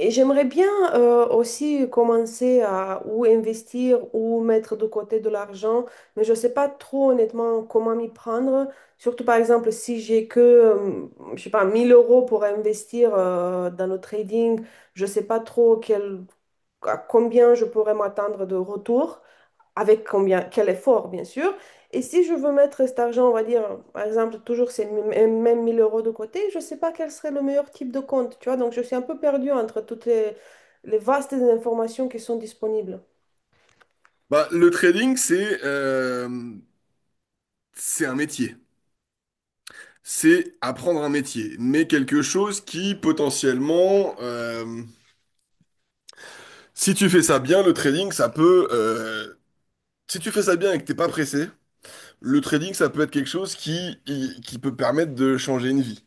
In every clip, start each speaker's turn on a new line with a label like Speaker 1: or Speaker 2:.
Speaker 1: Et j'aimerais bien aussi commencer à ou investir ou mettre de côté de l'argent, mais je ne sais pas trop honnêtement comment m'y prendre. Surtout par exemple si j'ai que, je sais pas, 1000 euros pour investir dans le trading, je ne sais pas trop quel, à combien je pourrais m'attendre de retour avec combien, quel effort, bien sûr. Et si je veux mettre cet argent, on va dire, par exemple, toujours ces mêmes 1000 euros de côté, je ne sais pas quel serait le meilleur type de compte, tu vois. Donc, je suis un peu perdue entre les vastes informations qui sont disponibles.
Speaker 2: Bah, le trading, c'est un métier. C'est apprendre un métier, mais quelque chose qui potentiellement, si tu fais ça bien, le trading, si tu fais ça bien et que t'es pas pressé, le trading, ça peut être quelque chose qui peut permettre de changer une vie.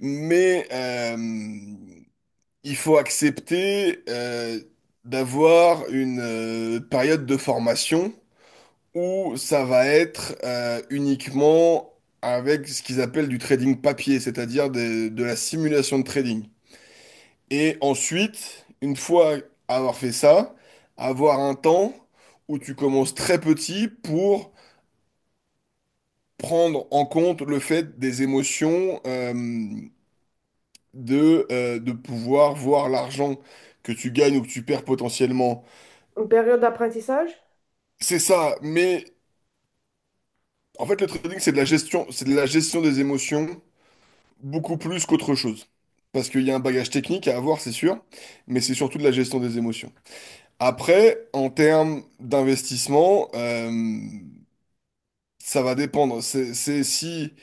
Speaker 2: Mais il faut accepter d'avoir une période de formation ou ça va être uniquement avec ce qu'ils appellent du trading papier, c'est-à-dire de la simulation de trading. Et ensuite, une fois avoir fait ça, avoir un temps où tu commences très petit pour prendre en compte le fait des émotions, de pouvoir voir l'argent que tu gagnes ou que tu perds potentiellement.
Speaker 1: Une période d'apprentissage,
Speaker 2: C'est ça, mais en fait le trading c'est de la gestion, c'est de la gestion des émotions, beaucoup plus qu'autre chose. Parce qu'il y a un bagage technique à avoir, c'est sûr, mais c'est surtout de la gestion des émotions. Après, en termes d'investissement, ça va dépendre. C'est si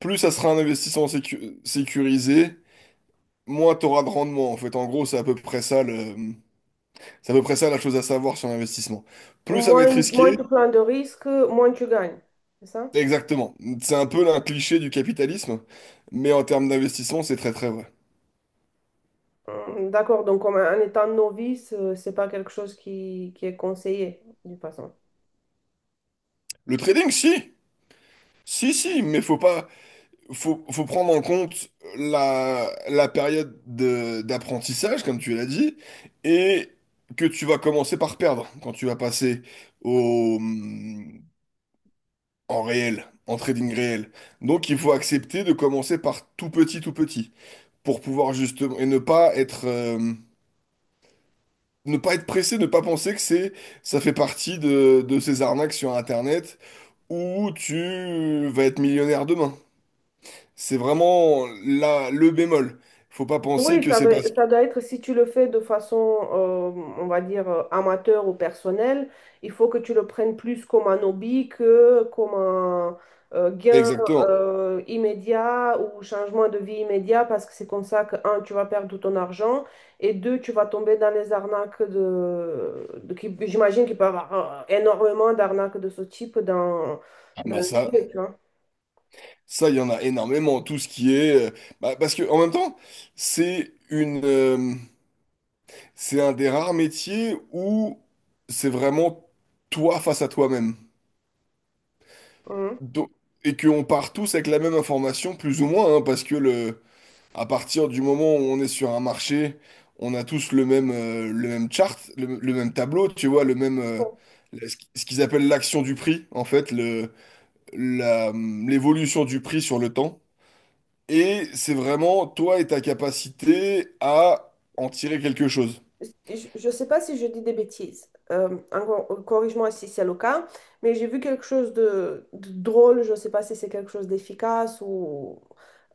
Speaker 2: plus ça sera un investissement sécurisé, moins tu auras de rendement. En fait, en gros, c'est à peu près ça la chose à savoir sur l'investissement. Plus ça va être
Speaker 1: moins
Speaker 2: risqué,
Speaker 1: tu prends de risques, moins tu gagnes. C'est ça?
Speaker 2: exactement. C'est un peu un cliché du capitalisme, mais en termes d'investissement, c'est très très vrai.
Speaker 1: Mm, d'accord, donc comme en étant novice, c'est pas quelque chose qui est conseillé, de toute façon.
Speaker 2: Le trading, si, si, si, mais faut pas. Faut prendre en compte la période d'apprentissage, comme tu l'as dit, et que tu vas commencer par perdre quand tu vas passer au, mm, en réel, en trading réel. Donc il faut accepter de commencer par tout petit, pour pouvoir justement, et ne pas être, pressé, ne pas penser que ça fait partie de, ces arnaques sur Internet où tu vas être millionnaire demain. C'est vraiment la le bémol. Faut pas penser
Speaker 1: Oui,
Speaker 2: que
Speaker 1: ça,
Speaker 2: c'est parce que.
Speaker 1: ça doit être si tu le fais de façon, on va dire, amateur ou personnelle, il faut que tu le prennes plus comme un hobby que comme un gain
Speaker 2: Exactement.
Speaker 1: immédiat ou changement de vie immédiat parce que c'est comme ça que, un, tu vas perdre tout ton argent et deux, tu vas tomber dans les arnaques de j'imagine qu'il peut y avoir énormément d'arnaques de ce type dans
Speaker 2: Bah
Speaker 1: le
Speaker 2: ça,
Speaker 1: milieu, tu vois.
Speaker 2: ça, il y en a énormément. Tout ce qui est. Bah, parce que en même temps, c'est une... euh, c'est un des rares métiers où c'est vraiment toi face à toi-même.
Speaker 1: Mhm.
Speaker 2: Donc- et qu'on part tous avec la même information, plus ou moins, hein, parce que le. À partir du moment où on est sur un marché, on a tous le même, chart, le même tableau, tu vois, le même, le- ce qu- ce qu'ils appellent l'action du prix, en fait, l'évolution du prix sur le temps. Et c'est vraiment toi et ta capacité à en tirer quelque chose.
Speaker 1: Je ne sais pas si je dis des bêtises, corrige-moi si c'est le cas, mais j'ai vu quelque chose de drôle, je ne sais pas si c'est quelque chose d'efficace ou...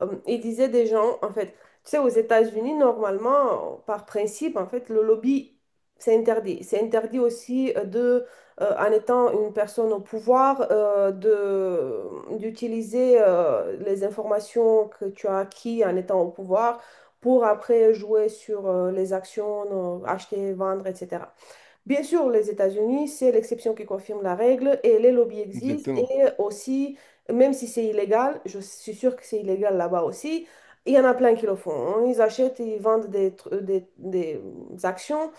Speaker 1: il disait des gens, en fait, tu sais, aux États-Unis, normalement, par principe, en fait, le lobby, c'est interdit. C'est interdit aussi en étant une personne au pouvoir, d'utiliser les informations que tu as acquis en étant au pouvoir pour après jouer sur les actions, acheter, vendre, etc. Bien sûr, les États-Unis, c'est l'exception qui confirme la règle et les lobbies existent
Speaker 2: Exactement.
Speaker 1: et aussi, même si c'est illégal, je suis sûre que c'est illégal là-bas aussi, il y en a plein qui le font, hein. Ils achètent, ils vendent des actions,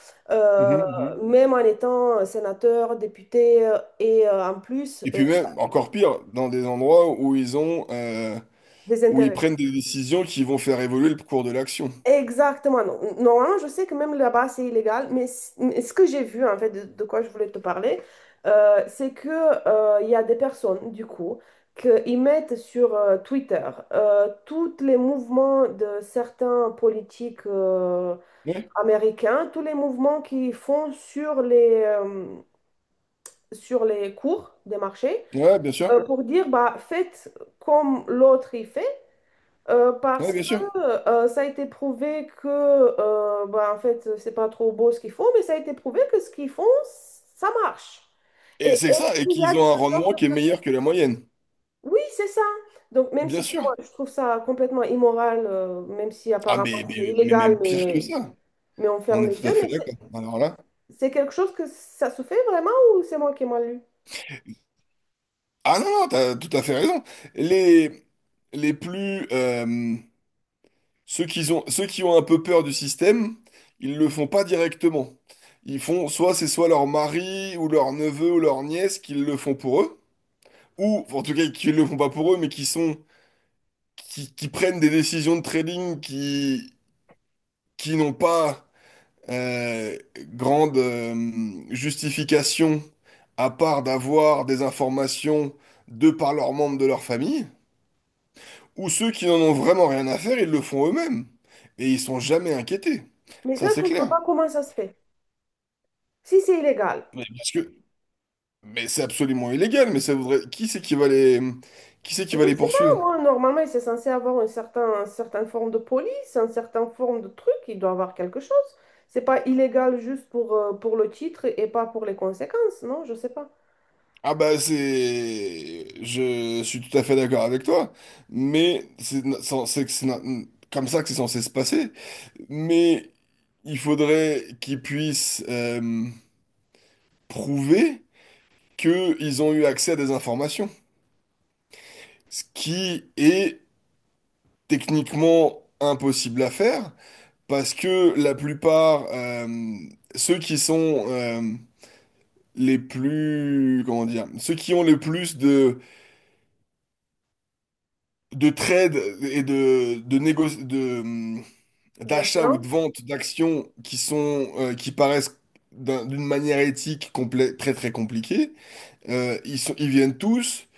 Speaker 2: Mhm,
Speaker 1: euh,
Speaker 2: mhm.
Speaker 1: même en étant sénateur, député euh, et euh, en plus
Speaker 2: Et
Speaker 1: euh,
Speaker 2: puis même, encore pire, dans des endroits
Speaker 1: des
Speaker 2: où ils
Speaker 1: intérêts.
Speaker 2: prennent des décisions qui vont faire évoluer le cours de l'action.
Speaker 1: Exactement. Normalement, je sais que même là-bas, c'est illégal, mais mais ce que j'ai vu, en fait, de quoi je voulais te parler, c'est que, il y a des personnes, du coup, qu'ils mettent sur Twitter tous les mouvements de certains politiques
Speaker 2: Ouais,
Speaker 1: américains, tous les mouvements qu'ils font sur sur les cours des marchés,
Speaker 2: ouais, bien sûr.
Speaker 1: pour dire, bah, faites comme l'autre y fait.
Speaker 2: Ouais,
Speaker 1: Parce
Speaker 2: bien sûr.
Speaker 1: que ça a été prouvé que, bah, en fait, c'est pas trop beau ce qu'ils font, mais ça a été prouvé que ce qu'ils font, ça marche. Et
Speaker 2: Et c'est ça,
Speaker 1: est-ce
Speaker 2: et
Speaker 1: qu'il y a
Speaker 2: qu'ils
Speaker 1: de
Speaker 2: ont un
Speaker 1: ce genre
Speaker 2: rendement
Speaker 1: de...
Speaker 2: qui est meilleur que la moyenne.
Speaker 1: oui, c'est ça. Donc, même
Speaker 2: Bien
Speaker 1: si pour
Speaker 2: sûr.
Speaker 1: moi, je trouve ça complètement immoral, même si
Speaker 2: Ah,
Speaker 1: apparemment
Speaker 2: mais,
Speaker 1: c'est
Speaker 2: mais, mais
Speaker 1: illégal,
Speaker 2: même pire que ça.
Speaker 1: mais on
Speaker 2: On
Speaker 1: ferme
Speaker 2: est
Speaker 1: les
Speaker 2: tout
Speaker 1: yeux,
Speaker 2: à fait
Speaker 1: mais
Speaker 2: d'accord. Alors là.
Speaker 1: c'est quelque chose que ça se fait vraiment ou c'est moi qui ai mal lu?
Speaker 2: Ah non, non, t'as tout à fait raison. Les, les plus. Ceux qui ont un peu peur du système, ils le font pas directement. Ils font soit c'est soit leur mari ou leur neveu ou leur nièce qui le font pour eux, ou en tout cas qui le font pas pour eux, mais qui sont. Qui prennent des décisions de trading qui n'ont pas Euh, grande justification à part d'avoir des informations de par leurs membres de leur famille, ou ceux qui n'en ont vraiment rien à faire, ils le font eux-mêmes. Et ils sont jamais inquiétés.
Speaker 1: Mais ça,
Speaker 2: Ça,
Speaker 1: je
Speaker 2: c'est
Speaker 1: comprends
Speaker 2: clair.
Speaker 1: pas comment ça se fait. Si c'est illégal,
Speaker 2: Mais parce que, mais c'est absolument illégal, mais ça voudrait. Qui c'est qui va les. Qui c'est qui
Speaker 1: je
Speaker 2: va
Speaker 1: ne
Speaker 2: les
Speaker 1: sais pas,
Speaker 2: poursuivre?
Speaker 1: moi, normalement, c'est censé avoir une certaine forme de police, une certaine forme de truc, il doit avoir quelque chose. C'est pas illégal juste pour le titre et pas pour les conséquences, non? Je sais pas.
Speaker 2: Ah bah c'est. Je suis tout à fait d'accord avec toi, mais c'est- que c'est comme ça que c'est censé se passer. Mais il faudrait qu'ils puissent prouver qu'ils ont eu accès à des informations. Ce qui est techniquement impossible à faire, parce que la plupart, ceux qui sont les plus, comment dire, ceux qui ont le plus de, trades et d'achats ou de
Speaker 1: D'influence.
Speaker 2: vente d'actions qui paraissent d'une manière éthique très très compliquée. Ils viennent tous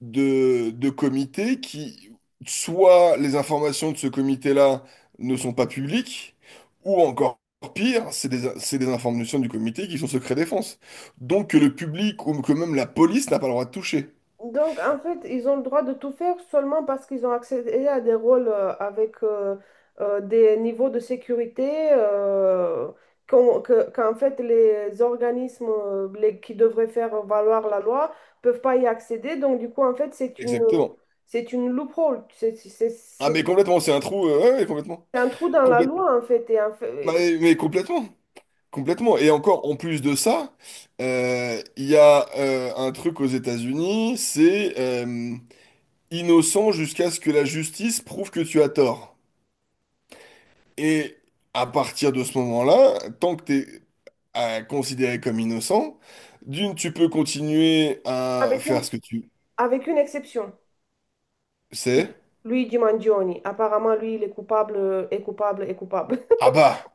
Speaker 2: de, comités qui, soit les informations de ce comité-là ne sont pas publiques, ou encore pire, c'est des informations du comité qui sont secret défense. Donc que le public ou que même la police n'a pas le droit de toucher.
Speaker 1: Donc, en fait, ils ont le droit de tout faire seulement parce qu'ils ont accédé à des rôles avec des niveaux de sécurité qu'en fait, les organismes qui devraient faire valoir la loi peuvent pas y accéder. Donc, du coup, en fait,
Speaker 2: Exactement.
Speaker 1: c'est une loophole.
Speaker 2: Ah mais complètement, c'est un trou, ouais, ouais, complètement.
Speaker 1: C'est un trou dans la
Speaker 2: Complète-
Speaker 1: loi, en fait,
Speaker 2: Bah,
Speaker 1: et
Speaker 2: mais complètement. Complètement. Et encore, en plus de ça, il y a un truc aux États-Unis, c'est... innocent jusqu'à ce que la justice prouve que tu as tort. Et à partir de ce moment-là, tant que t'es es considéré comme innocent, d'une, tu peux continuer à
Speaker 1: avec
Speaker 2: faire
Speaker 1: une,
Speaker 2: ce que tu
Speaker 1: avec une exception.
Speaker 2: sais.
Speaker 1: Luigi Mangione, apparemment, lui, il est coupable, est coupable.
Speaker 2: Ah bah,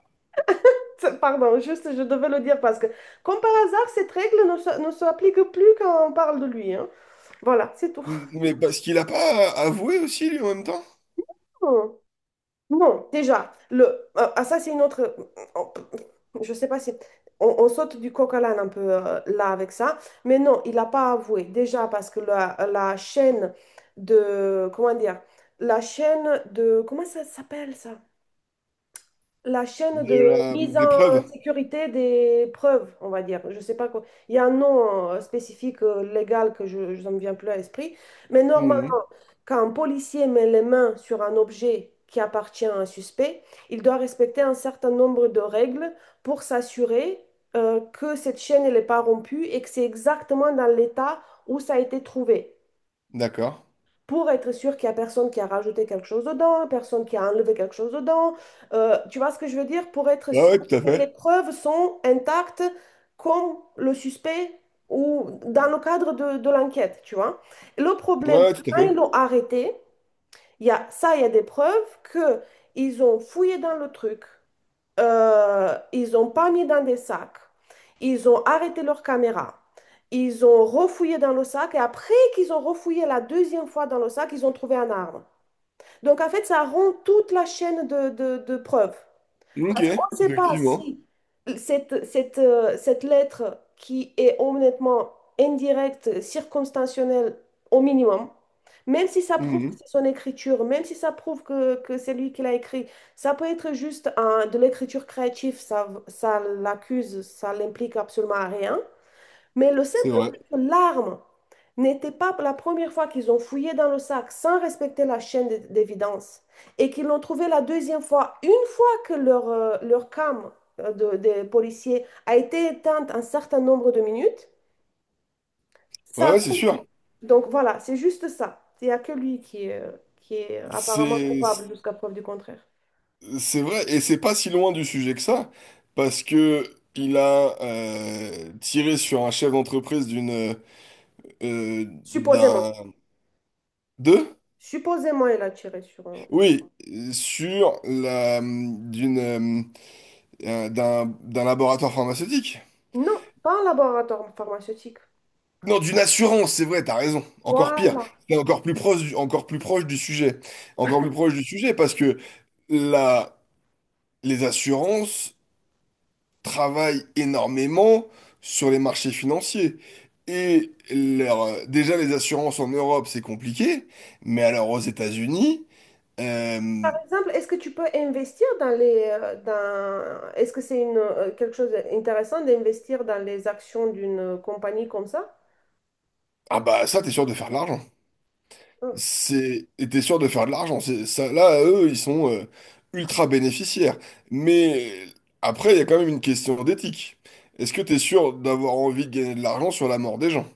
Speaker 1: Pardon, juste, je devais le dire parce que, comme par hasard, cette règle ne s'applique plus quand on parle de lui, hein. Voilà, c'est tout.
Speaker 2: mais parce qu'il a pas avoué aussi, lui, en même temps,
Speaker 1: Non, non, déjà, ça, c'est une autre. on- je sais pas si. On saute du coq à l'âne un peu là avec ça. Mais non, il n'a pas avoué. Déjà, parce que la chaîne de. Comment dire? La chaîne de. Comment ça s'appelle ça? La chaîne de mise
Speaker 2: des
Speaker 1: en
Speaker 2: preuves.
Speaker 1: sécurité des preuves, on va dire. Je sais pas quoi. Il y a un nom spécifique légal que ça me vient plus à l'esprit. Mais normalement,
Speaker 2: Mhm.
Speaker 1: quand un policier met les mains sur un objet qui appartient à un suspect, il doit respecter un certain nombre de règles pour s'assurer que cette chaîne elle n'est pas rompue et que c'est exactement dans l'état où ça a été trouvé
Speaker 2: D'accord.
Speaker 1: pour être sûr qu'il n'y a personne qui a rajouté quelque chose dedans, personne qui a enlevé quelque chose dedans. Tu vois ce que je veux dire? Pour être
Speaker 2: Ouais,
Speaker 1: sûr
Speaker 2: ouais, tout à
Speaker 1: que les
Speaker 2: fait.
Speaker 1: preuves sont intactes comme le suspect ou dans le cadre de l'enquête, tu vois. Le problème,
Speaker 2: Ouais,
Speaker 1: c'est que
Speaker 2: tout à
Speaker 1: quand ils
Speaker 2: fait.
Speaker 1: l'ont arrêté, il y a des preuves que ils ont fouillé dans le truc, ils n'ont pas mis dans des sacs. Ils ont arrêté leur caméra. Ils ont refouillé dans le sac et après qu'ils ont refouillé la deuxième fois dans le sac, ils ont trouvé un arme. Donc en fait, ça rend toute la chaîne de preuves
Speaker 2: Ok,
Speaker 1: ne sait pas
Speaker 2: effectivement.
Speaker 1: si cette lettre qui est honnêtement indirecte, circonstancielle au minimum, même si ça prouve que
Speaker 2: Mhm.
Speaker 1: c'est son écriture, même si ça prouve que c'est lui qui l'a écrit, ça peut être juste de l'écriture créative, ça l'accuse, ça l'implique absolument à rien. Mais le
Speaker 2: C'est
Speaker 1: simple
Speaker 2: vrai.
Speaker 1: fait que l'arme n'était pas la première fois qu'ils ont fouillé dans le sac sans respecter la chaîne d'évidence et qu'ils l'ont trouvé la deuxième fois, une fois que leur cam des policiers a été éteinte un certain nombre de minutes,
Speaker 2: Ouais,
Speaker 1: ça
Speaker 2: ouais, c'est
Speaker 1: roule.
Speaker 2: sûr.
Speaker 1: Donc voilà, c'est juste ça. Il n'y a que lui qui est apparemment
Speaker 2: C'est
Speaker 1: coupable jusqu'à preuve du contraire.
Speaker 2: C'est vrai, et c'est pas si loin du sujet que ça, parce que il a tiré sur un chef d'entreprise d'une euh, d'un
Speaker 1: Supposément.
Speaker 2: de
Speaker 1: Supposément, il a tiré sur un...
Speaker 2: oui sur la d'une d'un d'un laboratoire pharmaceutique.
Speaker 1: Non, pas un laboratoire pharmaceutique.
Speaker 2: Non, d'une assurance, c'est vrai, t'as raison. Encore pire,
Speaker 1: Voilà.
Speaker 2: c'est encore plus proche encore plus proche du sujet, encore plus proche du sujet parce que la les assurances travaillent énormément sur les marchés financiers. Et déjà, les assurances en Europe, c'est compliqué, mais alors aux États-Unis, euh,
Speaker 1: Par exemple, est-ce que tu peux investir dans est-ce que c'est quelque chose d'intéressant d'investir dans les actions d'une compagnie comme ça?
Speaker 2: ah bah ça, t'es sûr de faire de l'argent.
Speaker 1: Hum.
Speaker 2: Et t'es sûr de faire de l'argent. Ça, là, eux, ils sont ultra bénéficiaires. Mais après, il y a quand même une question d'éthique. Est-ce que t'es sûr d'avoir envie de gagner de l'argent sur la mort des gens?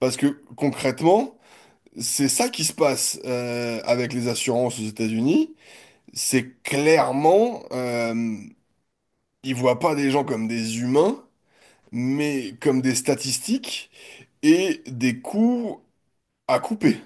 Speaker 2: Parce que concrètement, c'est ça qui se passe avec les assurances aux États-Unis. C'est clairement, ils voient pas des gens comme des humains, mais comme des statistiques et des coûts à couper.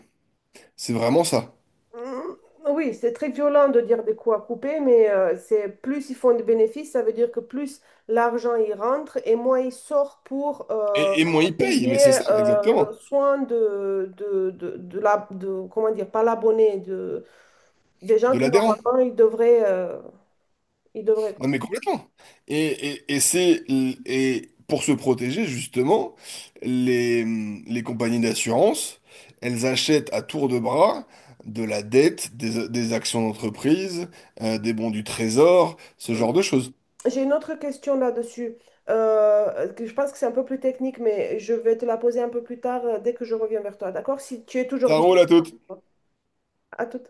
Speaker 2: C'est vraiment ça.
Speaker 1: Hum, oui, c'est très violent de dire des coups à couper, mais c'est plus ils font de bénéfices, ça veut dire que plus l'argent y rentre et moins il sort pour
Speaker 2: Et moins ils payent,
Speaker 1: payer
Speaker 2: mais c'est ça,
Speaker 1: le
Speaker 2: exactement.
Speaker 1: soin comment dire, pas l'abonné, de, des gens
Speaker 2: De
Speaker 1: qui
Speaker 2: l'adhérent.
Speaker 1: normalement ils devraient,
Speaker 2: Non,
Speaker 1: quoi.
Speaker 2: mais complètement. Et pour se protéger, justement, les, les compagnies d'assurance, elles achètent à tour de bras de la dette, des actions d'entreprise, des bons du trésor, ce
Speaker 1: Mmh.
Speaker 2: genre de choses.
Speaker 1: J'ai une autre question là-dessus, que je pense que c'est un peu plus technique, mais je vais te la poser un peu plus tard, dès que je reviens vers toi, d'accord? Si tu es toujours
Speaker 2: Ça
Speaker 1: disponible.
Speaker 2: roule à toutes.
Speaker 1: À tout